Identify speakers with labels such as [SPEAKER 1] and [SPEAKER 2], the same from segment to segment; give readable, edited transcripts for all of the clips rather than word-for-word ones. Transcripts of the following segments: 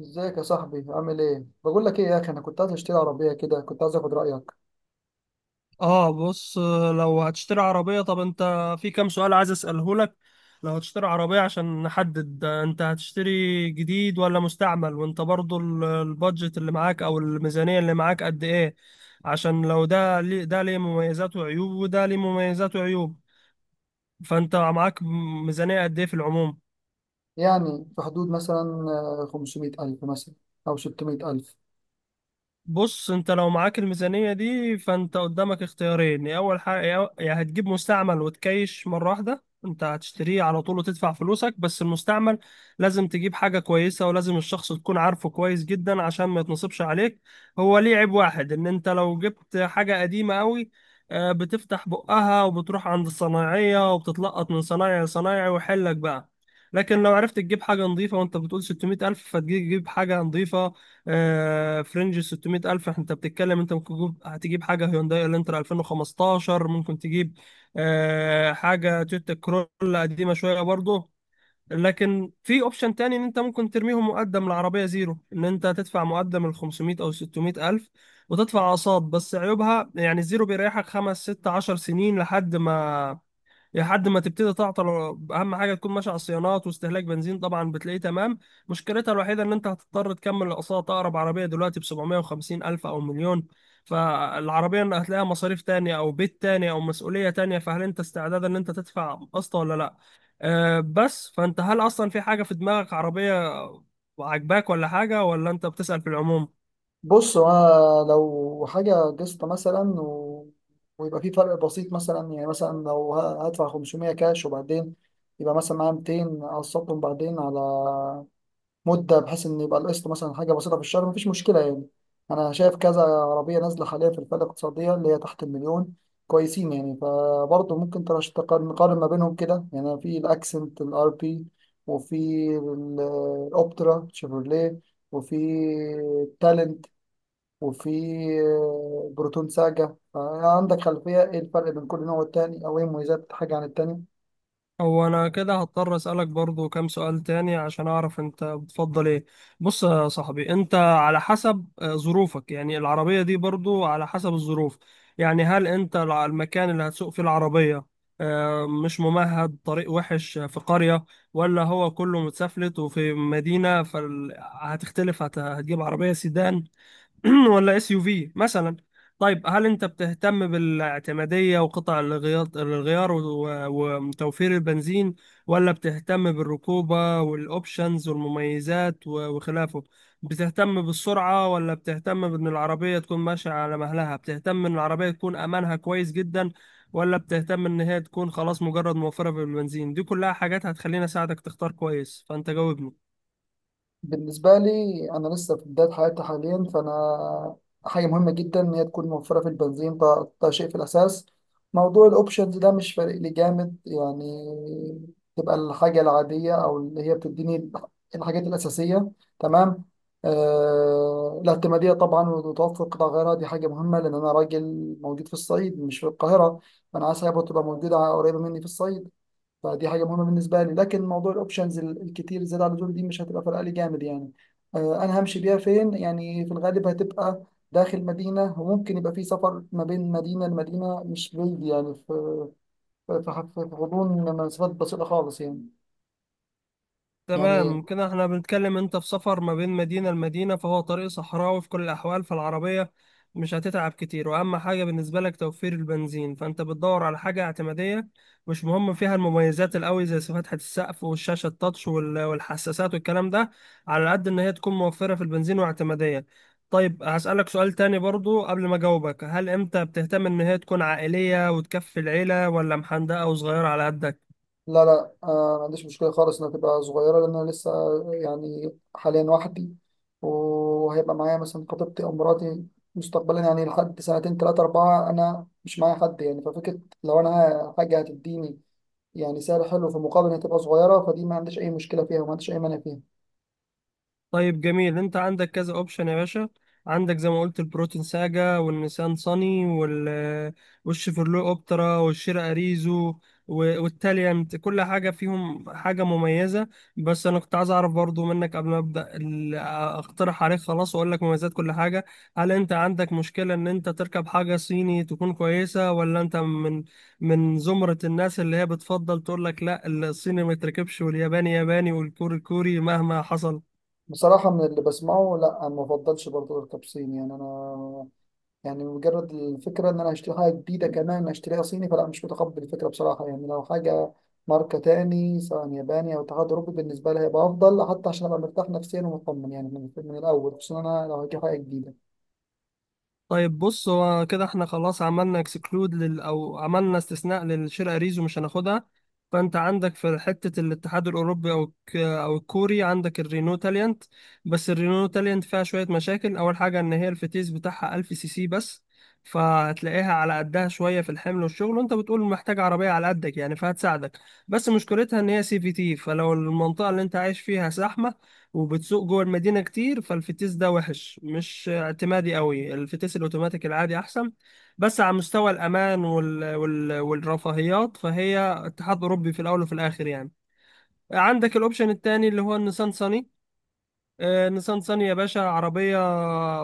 [SPEAKER 1] ازيك يا صاحبي؟ عامل ايه؟ بقول لك ايه يا اخي، انا كنت عايز اشتري عربيه كده، كنت عايز اخد رايك.
[SPEAKER 2] اه بص. لو هتشتري عربية، طب انت في كام سؤال عايز اسأله لك. لو هتشتري عربية، عشان نحدد انت هتشتري جديد ولا مستعمل، وانت برضو البادجت اللي معاك او الميزانية اللي معاك قد ايه؟ عشان لو ده ليه، ده ليه مميزات وعيوب، وده ليه مميزات وعيوب. فانت معاك ميزانية قد ايه في العموم؟
[SPEAKER 1] يعني في حدود مثلا 500,000 مثلا او 600,000.
[SPEAKER 2] بص، انت لو معاك الميزانية دي، فانت قدامك اختيارين. يا اول حاجة، يا هتجيب مستعمل وتكيش مرة واحدة، انت هتشتريه على طول وتدفع فلوسك. بس المستعمل لازم تجيب حاجة كويسة، ولازم الشخص تكون عارفه كويس جدا عشان ما يتنصبش عليك. هو ليه عيب واحد، ان انت لو جبت حاجة قديمة قوي، بتفتح بقها وبتروح عند الصنايعية وبتتلقط من صنايعي لصنايعي ويحلك بقى. لكن لو عرفت تجيب حاجة نظيفة، وانت بتقول 600 ألف، فتجيب حاجة نظيفة. فرنج 600 ألف انت بتتكلم، انت ممكن تجيب، هتجيب حاجة هيونداي الانترا 2015 ممكن تجيب، حاجة تويوتا كرولا قديمة شوية برضه. لكن في اوبشن تاني، ان انت ممكن ترميهم مقدم، العربية زيرو، ان انت تدفع مقدم ال 500 او 600 ألف وتدفع أقساط. بس عيوبها يعني الزيرو بيريحك خمس ست عشر سنين لحد ما، تبتدي تعطل. اهم حاجه تكون ماشي على الصيانات، واستهلاك بنزين طبعا بتلاقيه تمام. مشكلتها الوحيده ان انت هتضطر تكمل الاقساط. اقرب عربيه دلوقتي ب 750 الف او مليون، فالعربيه إن هتلاقيها مصاريف تانية او بيت تاني او مسؤوليه تانية، فهل انت استعداد ان انت تدفع قسط ولا لا؟ بس فانت هل اصلا في حاجه في دماغك، عربيه عاجباك، ولا حاجه، ولا انت بتسأل في العموم؟
[SPEAKER 1] بص، هو أنا لو حاجه قسط مثلا ويبقى في فرق بسيط مثلا، يعني مثلا لو هدفع 500 كاش، وبعدين يبقى مثلا معايا 200 اقسطهم بعدين على مده، بحيث ان يبقى القسط مثلا حاجه بسيطه في الشهر، مفيش مشكله يعني. انا شايف كذا عربيه نازله حاليا في الفئه الاقتصاديه اللي هي تحت المليون كويسين يعني، فبرضه ممكن نقارن ما بينهم كده يعني. في الاكسنت الار بي، وفي ال- الاوبترا شيفروليه، وفي تالنت، وفي بروتون ساجا. عندك خلفيه ايه الفرق بين كل نوع والتاني، او ايه مميزات حاجه عن التاني؟
[SPEAKER 2] هو انا كده هضطر اسالك برضو كام سؤال تاني عشان اعرف انت بتفضل ايه. بص يا صاحبي، انت على حسب ظروفك، يعني العربية دي برضو على حسب الظروف. يعني هل انت المكان اللي هتسوق فيه العربية مش ممهد، طريق وحش في قرية، ولا هو كله متسفلت وفي مدينة، فهتختلف. هتجيب عربية سيدان ولا اس يو في مثلا؟ طيب هل انت بتهتم بالاعتماديه وقطع الغيار وتوفير البنزين، ولا بتهتم بالركوبه والاوبشنز والمميزات وخلافه؟ بتهتم بالسرعه، ولا بتهتم بان العربيه تكون ماشيه على مهلها؟ بتهتم ان العربيه تكون امانها كويس جدا، ولا بتهتم ان هي تكون خلاص مجرد موفره بالبنزين؟ دي كلها حاجات هتخليني اساعدك تختار كويس، فانت جاوبني.
[SPEAKER 1] بالنسبة لي، أنا لسه في بداية حياتي حاليا، فأنا حاجة مهمة جدا إن هي تكون موفرة في البنزين، ده شيء في الأساس. موضوع الأوبشنز ده مش فارق لي جامد يعني، تبقى الحاجة العادية أو اللي هي بتديني الحاجات الأساسية، تمام. الاعتمادية طبعا، وتوفر قطع غيارها دي حاجة مهمة، لأن أنا راجل موجود في الصعيد مش في القاهرة، فأنا عايز حاجة تبقى موجودة قريبة مني في الصعيد. فدي حاجه مهمه بالنسبه لي، لكن موضوع الاوبشنز الكتير زياده عن اللزوم دي مش هتبقى فارقه لي جامد يعني. انا همشي بيها فين يعني؟ في الغالب هتبقى داخل مدينه، وممكن يبقى في سفر ما بين مدينه لمدينه، مش بعيد يعني، في غضون مسافات بسيطه خالص يعني. يعني
[SPEAKER 2] تمام، كده احنا بنتكلم انت في سفر ما بين مدينة لمدينة، فهو طريق صحراوي في كل الأحوال، فالعربية مش هتتعب كتير. وأهم حاجة بالنسبة لك توفير البنزين، فأنت بتدور على حاجة اعتمادية، مش مهم فيها المميزات القوي زي فتحة السقف والشاشة التاتش والحساسات والكلام ده. على قد إن هي تكون موفرة في البنزين واعتمادية. طيب هسألك سؤال تاني برضو قبل ما أجاوبك. هل أنت بتهتم إن هي تكون عائلية وتكفي العيلة، ولا محندقة وصغيرة على قدك؟
[SPEAKER 1] لا لا، ما عنديش مشكلة خالص إنها تبقى صغيرة، لأن أنا لسه يعني حاليا وحدي، وهيبقى معايا مثلا خطيبتي أو مراتي مستقبلا يعني، لحد سنتين تلاتة أربعة أنا مش معايا حد يعني. ففكرة لو أنا حاجة هتديني يعني سعر حلو في مقابل إنها تبقى صغيرة، فدي ما عنديش أي مشكلة فيها وما عنديش أي مانع فيها.
[SPEAKER 2] طيب جميل. انت عندك كذا اوبشن يا باشا. عندك زي ما قلت البروتين ساجا، والنيسان صني، وال والشيفرلو اوبترا، والشير اريزو، والتاليانت. كل حاجه فيهم حاجه مميزه. بس انا كنت عايز اعرف برضو منك قبل ما ابدا اقترح عليك خلاص واقول لك مميزات كل حاجه. هل انت عندك مشكله ان انت تركب حاجه صيني تكون كويسه، ولا انت من زمره الناس اللي هي بتفضل تقول لك لا، الصيني ما يتركبش، والياباني ياباني، والكوري كوري مهما حصل؟
[SPEAKER 1] بصراحة، من اللي بسمعه لا، أنا ما بفضلش برضه التبصين يعني، أنا يعني مجرد الفكرة إن أنا هشتري حاجة جديدة كمان أشتريها صيني، فلا، مش متقبل الفكرة بصراحة يعني. لو حاجة ماركة تاني، سواء ياباني أو اتحاد أوروبي، بالنسبة لي هيبقى أفضل، حتى عشان أبقى مرتاح نفسيا ومطمن يعني من الأول، خصوصا أنا لو هجيب حاجة جديدة.
[SPEAKER 2] طيب بص، هو كده احنا خلاص عملنا اكسكلود لل او عملنا استثناء للشرق ريزو مش هناخدها. فانت عندك في حتة الاتحاد الاوروبي، او الكوري عندك الرينو تاليانت. بس الرينو تاليانت فيها شوية مشاكل. اول حاجة ان هي الفتيس بتاعها 1000 سي سي بس، فهتلاقيها على قدها شوية في الحمل والشغل، وانت بتقول محتاج عربية على قدك يعني فهتساعدك. بس مشكلتها ان هي سي في تي، فلو المنطقة اللي انت عايش فيها زحمة وبتسوق جوه المدينة كتير، فالفتيس ده وحش، مش اعتمادي قوي. الفتيس الاوتوماتيك العادي احسن. بس على مستوى الامان والرفاهيات، فهي اتحاد اوروبي في الاول وفي الاخر يعني. عندك الاوبشن التاني اللي هو النيسان صني. نيسان صني يا باشا، عربية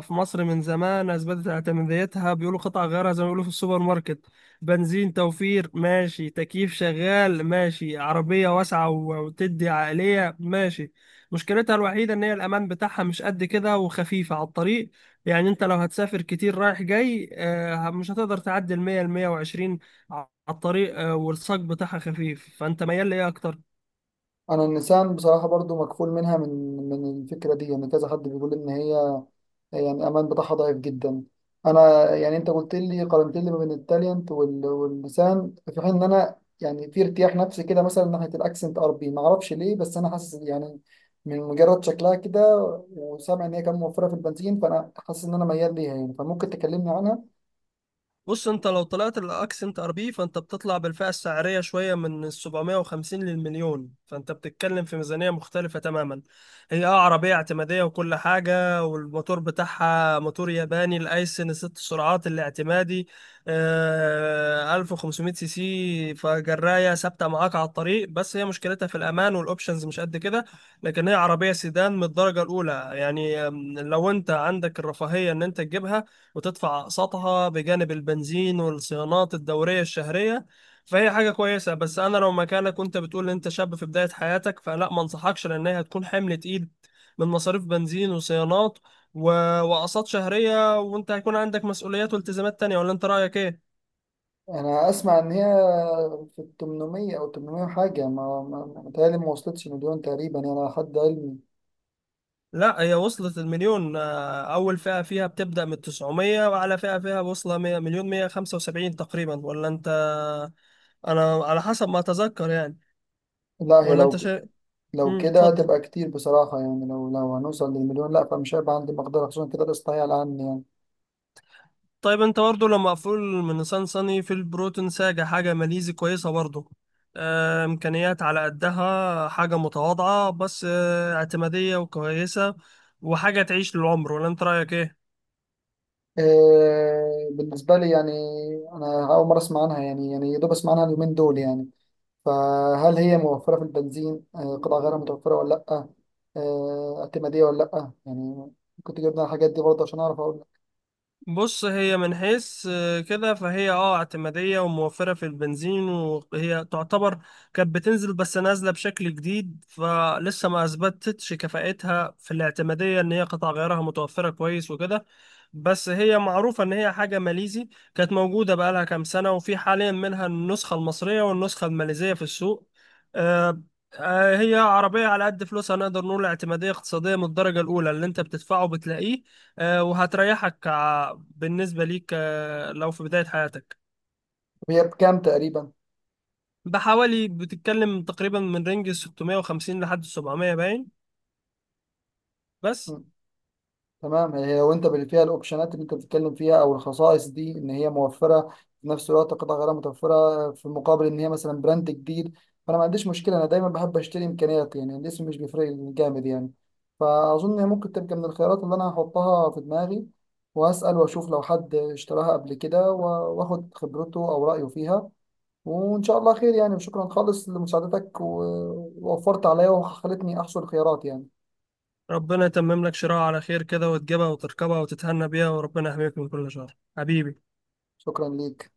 [SPEAKER 2] في مصر من زمان أثبتت اعتماديتها. بيقولوا قطع غيارها زي ما بيقولوا في السوبر ماركت. بنزين توفير ماشي، تكييف شغال ماشي، عربية واسعة وتدي عقلية ماشي. مشكلتها الوحيدة إن هي الأمان بتاعها مش قد كده، وخفيفة على الطريق. يعني أنت لو هتسافر كتير رايح جاي، مش هتقدر تعدي المية، المية وعشرين على الطريق. والصاج بتاعها خفيف. فأنت ميال لإيه أكتر؟
[SPEAKER 1] انا النسان بصراحه برضو مكفول منها، من الفكره دي يعني، كذا حد بيقول ان هي يعني الامان بتاعها ضعيف جدا. انا يعني انت قلت لي قارنت لي ما بين التالينت واللسان، في حين ان انا يعني في ارتياح نفسي كده مثلا ناحيه الاكسنت اربي، ما اعرفش ليه، بس انا حاسس يعني من مجرد شكلها كده، وسامع ان هي كانت موفره في البنزين، فانا حاسس ان انا ميال ليها يعني، فممكن تكلمني عنها؟
[SPEAKER 2] بص، انت لو طلعت الاكسنت ار بي، فانت بتطلع بالفئه السعريه شويه، من ال 750 للمليون، فانت بتتكلم في ميزانيه مختلفه تماما. هي اه عربيه اعتماديه وكل حاجه، والموتور بتاعها موتور ياباني، الايسن ست سرعات الاعتمادي، آه 1500 سي سي، فجرايه ثابته معاك على الطريق. بس هي مشكلتها في الامان والاوبشنز مش قد كده. لكن هي عربيه سيدان من الدرجه الاولى يعني. لو انت عندك الرفاهيه ان انت تجيبها وتدفع أقساطها بجانب البنزين والصيانات الدورية الشهرية، فهي حاجة كويسة. بس أنا لو مكانك، وأنت بتقول إن أنت شاب في بداية حياتك، فلا، ما أنصحكش، لأن هي هتكون حمل تقيل من مصاريف بنزين وصيانات و... وأقساط شهرية، وأنت هيكون عندك مسؤوليات والتزامات تانية. ولا أنت رأيك إيه؟
[SPEAKER 1] انا اسمع ان هي في ال 800 او 800 حاجه، متهيألي ما وصلتش مليون تقريبا يعني، على حد علمي.
[SPEAKER 2] لا، هي وصلت المليون. أول فئة فيها بتبدأ من 900، وأعلى فئة فيها واصلة 100 مليون 175 تقريبا، ولا أنت؟ أنا على حسب ما أتذكر يعني.
[SPEAKER 1] لا هي
[SPEAKER 2] ولا أنت شيء؟
[SPEAKER 1] لو كده
[SPEAKER 2] اتفضل.
[SPEAKER 1] هتبقى كتير بصراحة يعني. لو هنوصل للمليون، لا، فمش هيبقى عندي مقدرة، خصوصا كده القسط هي على عني يعني.
[SPEAKER 2] طيب انت برضه لو مقفول من نيسان صني، في البروتون ساجة، حاجة ماليزي كويسة برضه. إمكانيات على قدها، حاجة متواضعة، بس اعتمادية وكويسة، وحاجة تعيش للعمر. ولا انت رأيك ايه؟
[SPEAKER 1] إيه بالنسبة لي يعني؟ أنا أول مرة أسمع عنها يعني يا دوب أسمع عنها اليومين دول يعني. فهل هي موفرة في البنزين؟ قطع غيرها متوفرة ولا لأ؟ اعتمادية ولا لأ يعني؟ كنت جبنا الحاجات دي برضه عشان أعرف أقول لك.
[SPEAKER 2] بص، هي من حيث كده، فهي اه اعتمادية وموفرة في البنزين. وهي تعتبر كانت بتنزل، بس نازلة بشكل جديد، فلسه ما اثبتتش كفاءتها في الاعتمادية ان هي قطع غيارها متوفرة كويس وكده. بس هي معروفة ان هي حاجة ماليزي، كانت موجودة بقالها كام سنة، وفي حاليا منها النسخة المصرية والنسخة الماليزية في السوق. آه، هي عربية على قد فلوسها، نقدر نقول اعتمادية اقتصادية من الدرجة الأولى، اللي أنت بتدفعه بتلاقيه. وهتريحك بالنسبة ليك لو في بداية حياتك.
[SPEAKER 1] طب هي بكام تقريبا؟
[SPEAKER 2] بحوالي بتتكلم تقريبا من رينج 650 لحد 700 باين. بس،
[SPEAKER 1] تمام، هي وانت اللي فيها الاوبشنات اللي انت بتتكلم فيها او الخصائص دي، ان هي موفره في نفس الوقت قطع غيار متوفره، في مقابل ان هي مثلا براند جديد، فانا ما عنديش مشكله، انا دايما بحب اشتري امكانيات يعني، الاسم مش بيفرق لي جامد يعني. فاظن هي ممكن تبقى من الخيارات اللي انا هحطها في دماغي، واسال واشوف لو حد اشتراها قبل كده واخد خبرته او رايه فيها. وان شاء الله خير يعني، وشكرا خالص لمساعدتك، ووفرت عليا وخلتني احصل خيارات يعني.
[SPEAKER 2] ربنا يتمم لك شراء على خير كده، وتجيبها وتركبها وتتهنى بيها، وربنا يحميك من كل شر حبيبي.
[SPEAKER 1] شكرا ليك.